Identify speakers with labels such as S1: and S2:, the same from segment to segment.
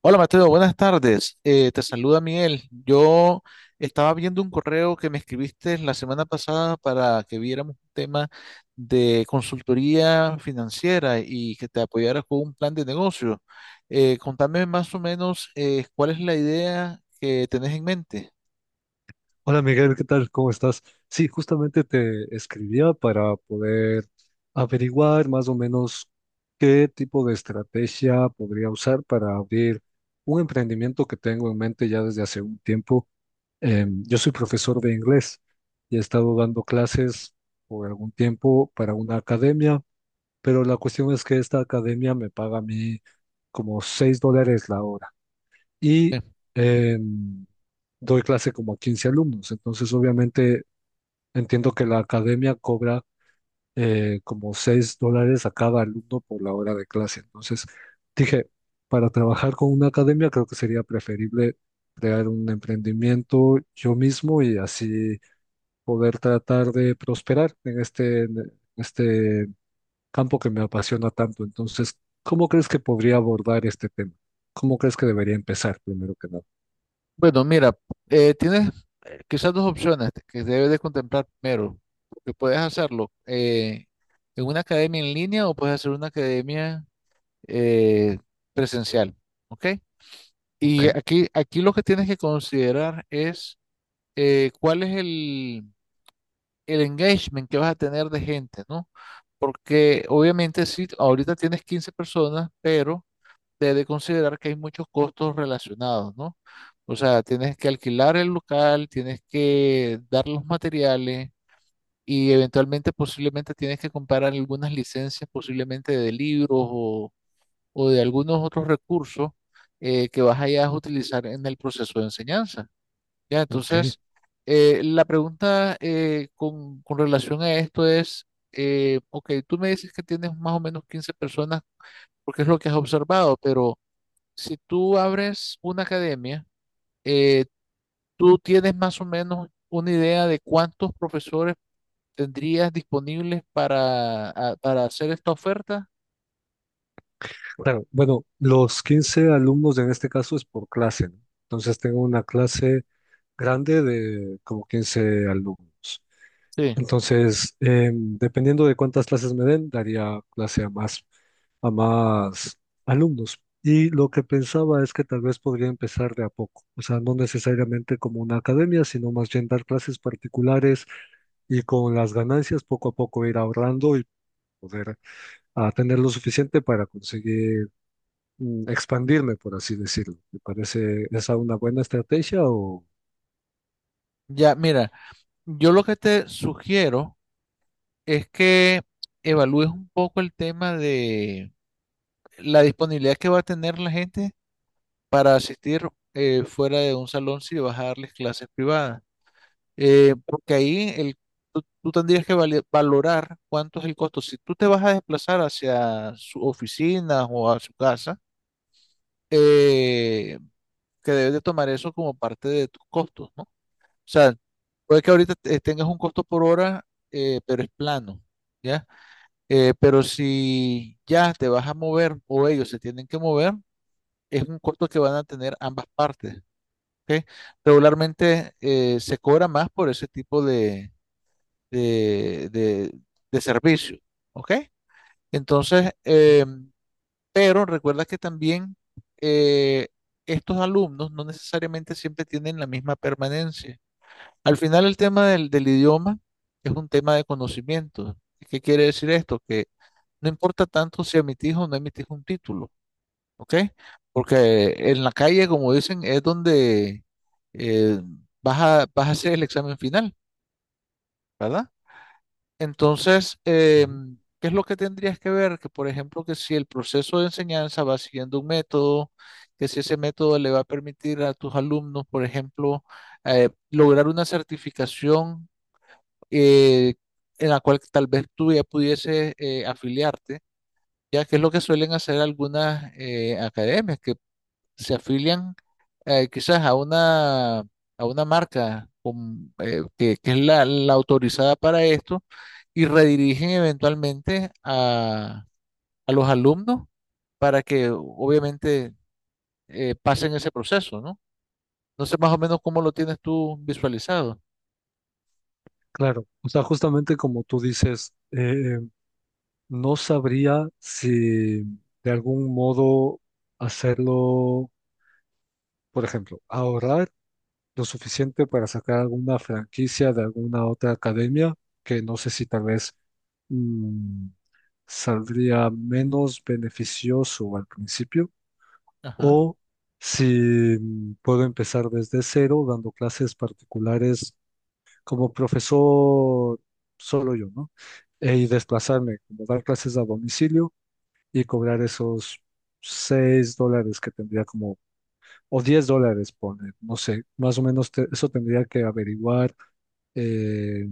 S1: Hola Mateo, buenas tardes. Te saluda Miguel. Yo estaba viendo un correo que me escribiste la semana pasada para que viéramos un tema de consultoría financiera y que te apoyaras con un plan de negocio. Contame más o menos cuál es la idea que tenés en mente.
S2: Hola Miguel, ¿qué tal? ¿Cómo estás? Sí, justamente te escribía para poder averiguar más o menos qué tipo de estrategia podría usar para abrir un emprendimiento que tengo en mente ya desde hace un tiempo. Yo soy profesor de inglés y he estado dando clases por algún tiempo para una academia, pero la cuestión es que esta academia me paga a mí como $6 la hora y
S1: Eh,
S2: eh, doy clase como a 15 alumnos. Entonces, obviamente, entiendo que la academia cobra como $6 a cada alumno por la hora de clase. Entonces, dije, para trabajar con una academia creo que sería preferible crear un emprendimiento yo mismo y así poder tratar de prosperar en este campo que me apasiona tanto. Entonces, ¿cómo crees que podría abordar este tema? ¿Cómo crees que debería empezar primero que nada?
S1: Bueno, mira, tienes quizás dos opciones que debes de contemplar primero, que puedes hacerlo en una academia en línea o puedes hacer una academia eh, presencial, ¿ok? Y
S2: Ok.
S1: aquí lo que tienes que considerar es cuál es el engagement que vas a tener de gente, ¿no? Porque obviamente sí, ahorita tienes 15 personas, pero debes considerar que hay muchos costos relacionados, ¿no? O sea, tienes que alquilar el local, tienes que dar los materiales y eventualmente posiblemente tienes que comprar algunas licencias posiblemente de libros o de algunos otros recursos que vas allá a utilizar en el proceso de enseñanza. ¿Ya?
S2: Ok,
S1: Entonces, la pregunta con relación a esto es, ok, tú me dices que tienes más o menos 15 personas porque es lo que has observado, pero si tú abres una academia, eh, tú tienes más o menos una idea de cuántos profesores tendrías disponibles para hacer esta oferta.
S2: claro. Bueno, los 15 alumnos en este caso es por clase, ¿no? Entonces tengo una clase grande de como 15 alumnos.
S1: Sí.
S2: Entonces, dependiendo de cuántas clases me den, daría clase a a más alumnos. Y lo que pensaba es que tal vez podría empezar de a poco, o sea, no necesariamente como una academia, sino más bien dar clases particulares y con las ganancias poco a poco ir ahorrando y poder a tener lo suficiente para conseguir expandirme, por así decirlo. ¿Te parece esa una buena estrategia o...?
S1: Ya, mira, yo lo que te sugiero es que evalúes un poco el tema de la disponibilidad que va a tener la gente para asistir fuera de un salón si vas a darles clases privadas. Porque ahí tú tendrías que valorar cuánto es el costo. Si tú te vas a desplazar hacia su oficina o a su casa, eh, que debes de tomar eso como parte de tus costos, ¿no? O sea, puede que ahorita tengas un costo por hora, pero es plano. ¿Ya? Pero si ya te vas a mover o ellos se tienen que mover, es un costo que van a tener ambas partes. ¿Ok? Regularmente se cobra más por ese tipo de, de- de servicio. ¿Ok? Entonces, pero recuerda que también eh, estos alumnos no necesariamente siempre tienen la misma permanencia. Al final, el tema del idioma es un tema de conocimiento. ¿Qué quiere decir esto? No importa tanto si emitís o no emitís un título, ¿ok? Porque en la calle, como dicen, es donde eh, vas a hacer el examen final, ¿verdad? Entonces,
S2: Ujú.
S1: ¿qué es lo que tendrías que ver? Que, por ejemplo, que si el proceso de enseñanza va siguiendo un método, que si ese método le va a permitir a tus alumnos, por ejemplo, lograr una certificación eh, en la cual tal vez tú ya pudieses afiliarte, ya que es lo que suelen hacer algunas academias que se afilian quizás a a una marca que es la autorizada para esto y redirigen eventualmente a los alumnos para que obviamente pasen ese proceso, ¿no? No sé más o menos cómo lo tienes tú visualizado.
S2: Claro, o sea, justamente como tú dices, no sabría si de algún modo hacerlo, por ejemplo, ahorrar lo suficiente para sacar alguna franquicia de alguna otra academia, que no sé si tal vez mm, saldría menos beneficioso al principio
S1: Ajá.
S2: o si puedo empezar desde cero dando clases particulares como profesor solo yo, ¿no? Y desplazarme, como dar clases a domicilio y cobrar esos $6 que tendría como, o $10, poner, no sé, más o menos eso tendría que averiguar eh,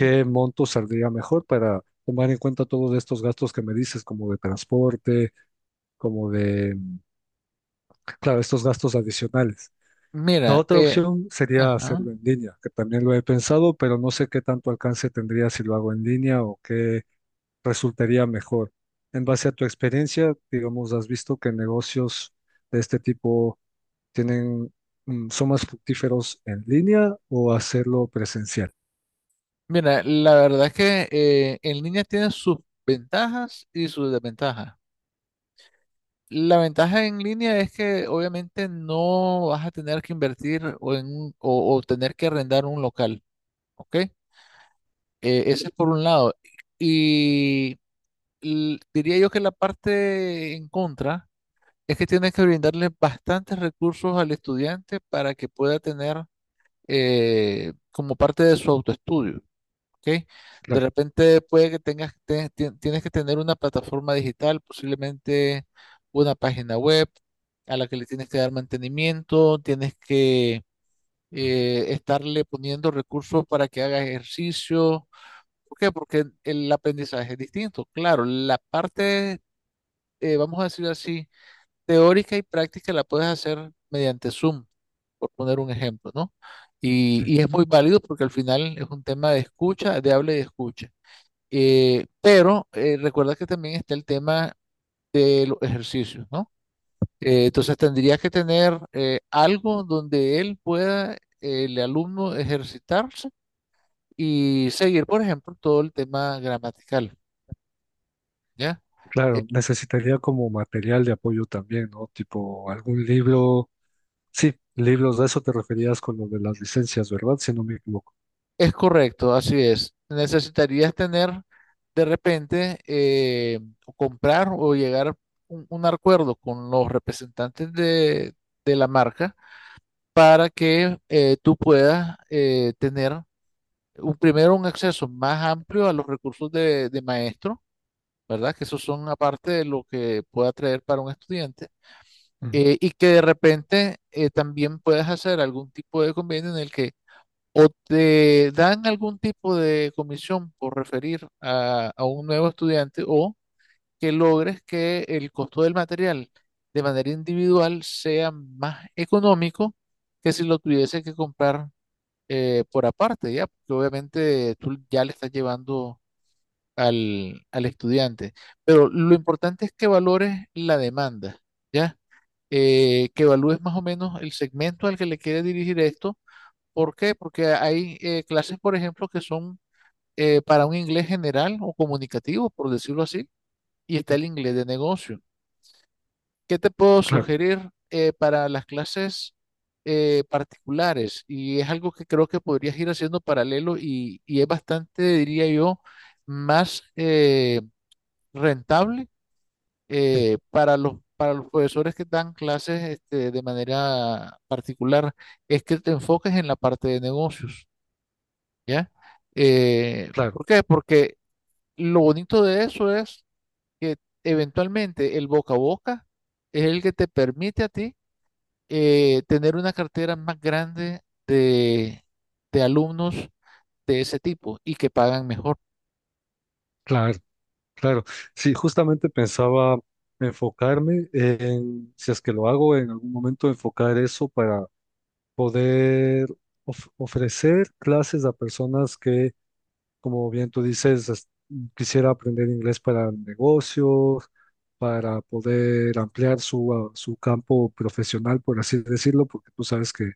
S1: M-
S2: monto saldría mejor para tomar en cuenta todos estos gastos que me dices, como de transporte, como de, claro, estos gastos adicionales. La
S1: Mira,
S2: otra opción sería
S1: ajá.
S2: hacerlo en línea, que también lo he pensado, pero no sé qué tanto alcance tendría si lo hago en línea o qué resultaría mejor. En base a tu experiencia, digamos, has visto que negocios de este tipo tienen, son más fructíferos en línea o hacerlo presencial.
S1: Mira, la verdad es que en línea tiene sus ventajas y sus desventajas. La ventaja en línea es que obviamente no vas a tener que invertir o tener que arrendar un local, ¿ok? Ese es por un lado. Y diría yo que la parte en contra es que tienes que brindarle bastantes recursos al estudiante para que pueda tener como parte de su autoestudio. ¿Ok? De
S2: Claro.
S1: repente puede que tienes que tener una plataforma digital, posiblemente una página web a la que le tienes que dar mantenimiento, tienes que
S2: Ujú,
S1: estarle poniendo recursos para que haga ejercicio. ¿Por qué? Porque el aprendizaje es distinto. Claro, la parte, vamos a decir así, teórica y práctica la puedes hacer mediante Zoom, por poner un ejemplo, ¿no?
S2: sí.
S1: Y es muy válido porque al final es un tema de escucha, de habla y de escucha. Pero recuerda que también está el tema de los ejercicios, ¿no? Entonces tendría que tener algo donde él pueda, el alumno, ejercitarse y seguir, por ejemplo, todo el tema gramatical, ¿ya?
S2: Claro, necesitaría como material de apoyo también, ¿no? Tipo algún libro. Sí, libros, de eso te referías con lo de las licencias, ¿verdad? Si no me equivoco.
S1: Es correcto, así es. Necesitarías tener de repente o comprar o llegar a un acuerdo con los representantes de la marca para que tú puedas tener primero un acceso más amplio a los recursos de maestro, ¿verdad? Que esos son aparte de lo que pueda traer para un estudiante,
S2: Ujú,
S1: y que de repente también puedas hacer algún tipo de convenio en el que o te dan algún tipo de comisión por referir a un nuevo estudiante o que logres que el costo del material de manera individual sea más económico que si lo tuviese que comprar por aparte, ¿ya? Porque obviamente tú ya le estás llevando al estudiante. Pero lo importante es que valores la demanda, ¿ya? Que evalúes más o menos el segmento al que le quieres dirigir esto. ¿Por qué? Porque hay clases, por ejemplo, que son para un inglés general o comunicativo, por decirlo así, y está
S2: sí.
S1: el inglés de negocio. ¿Qué te puedo
S2: Claro,
S1: sugerir para las clases particulares? Y es algo que creo que podrías ir haciendo paralelo y es bastante, diría yo, más rentable
S2: sí,
S1: para para los profesores que dan clases este, de manera particular, es que te enfoques en la parte de negocios, ¿ya?
S2: claro.
S1: ¿Por qué? Porque lo bonito de eso es que eventualmente el boca a boca es el que te permite a ti tener una cartera más grande de, de alumnos de ese tipo y que pagan mejor.
S2: Claro, claro. Sí, justamente pensaba enfocarme en, si es que lo hago en algún momento, enfocar eso para poder ofrecer clases a personas que como bien tú dices, quisiera aprender inglés para negocios, para poder ampliar su, su campo profesional, por así decirlo, porque tú sabes que,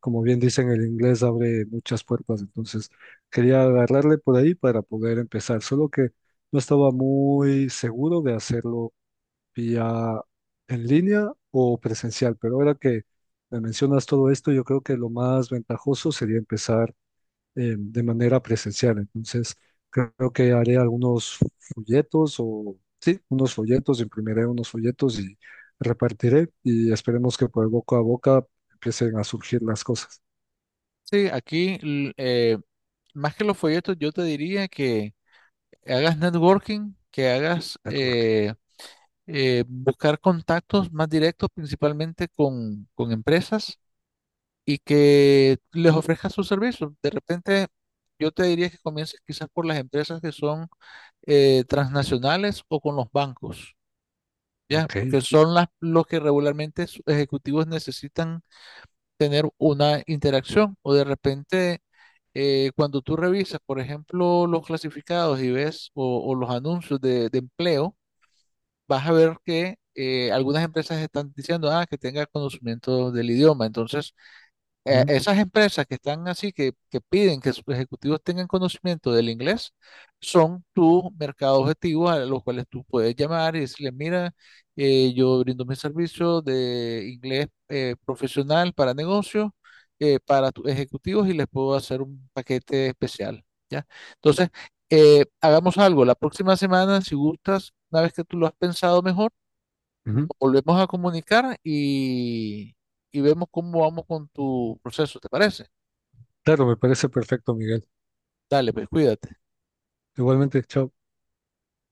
S2: como bien dicen, el inglés abre muchas puertas. Entonces, quería agarrarle por ahí para poder empezar, solo que no estaba muy seguro de hacerlo vía en línea o presencial, pero ahora que me mencionas todo esto, yo creo que lo más ventajoso sería empezar de manera presencial. Entonces, creo que haré algunos folletos o, sí, unos folletos, imprimiré unos folletos y repartiré y esperemos que por boca a boca empiecen a surgir las cosas.
S1: Sí, aquí más que los folletos, yo te diría que hagas networking, que hagas
S2: Network.
S1: buscar contactos más directos, principalmente con empresas y que les ofrezcas sus servicios. De repente, yo te diría que comiences quizás por las empresas que son transnacionales o con los bancos. ¿Ya?
S2: Ok.
S1: Porque son los que regularmente sus ejecutivos necesitan tener una interacción o de repente cuando tú revisas, por ejemplo, los clasificados y ves o los anuncios de empleo, vas a ver que algunas empresas están diciendo ah, que tenga conocimiento del idioma. Entonces,
S2: Ujú,
S1: esas empresas que están así, que piden que sus ejecutivos tengan conocimiento del inglés, son tu mercado objetivo a los cuales tú puedes llamar y decirle, mira, yo brindo mi servicio de inglés profesional para negocios, para tus ejecutivos y les puedo hacer un paquete especial, ¿ya? Entonces, hagamos algo. La próxima semana, si gustas, una vez que tú lo has pensado mejor, nos
S2: ujú.
S1: volvemos a comunicar y vemos cómo vamos con tu proceso, ¿te parece?
S2: Claro, me parece perfecto, Miguel.
S1: Dale, pues cuídate.
S2: Igualmente, chao.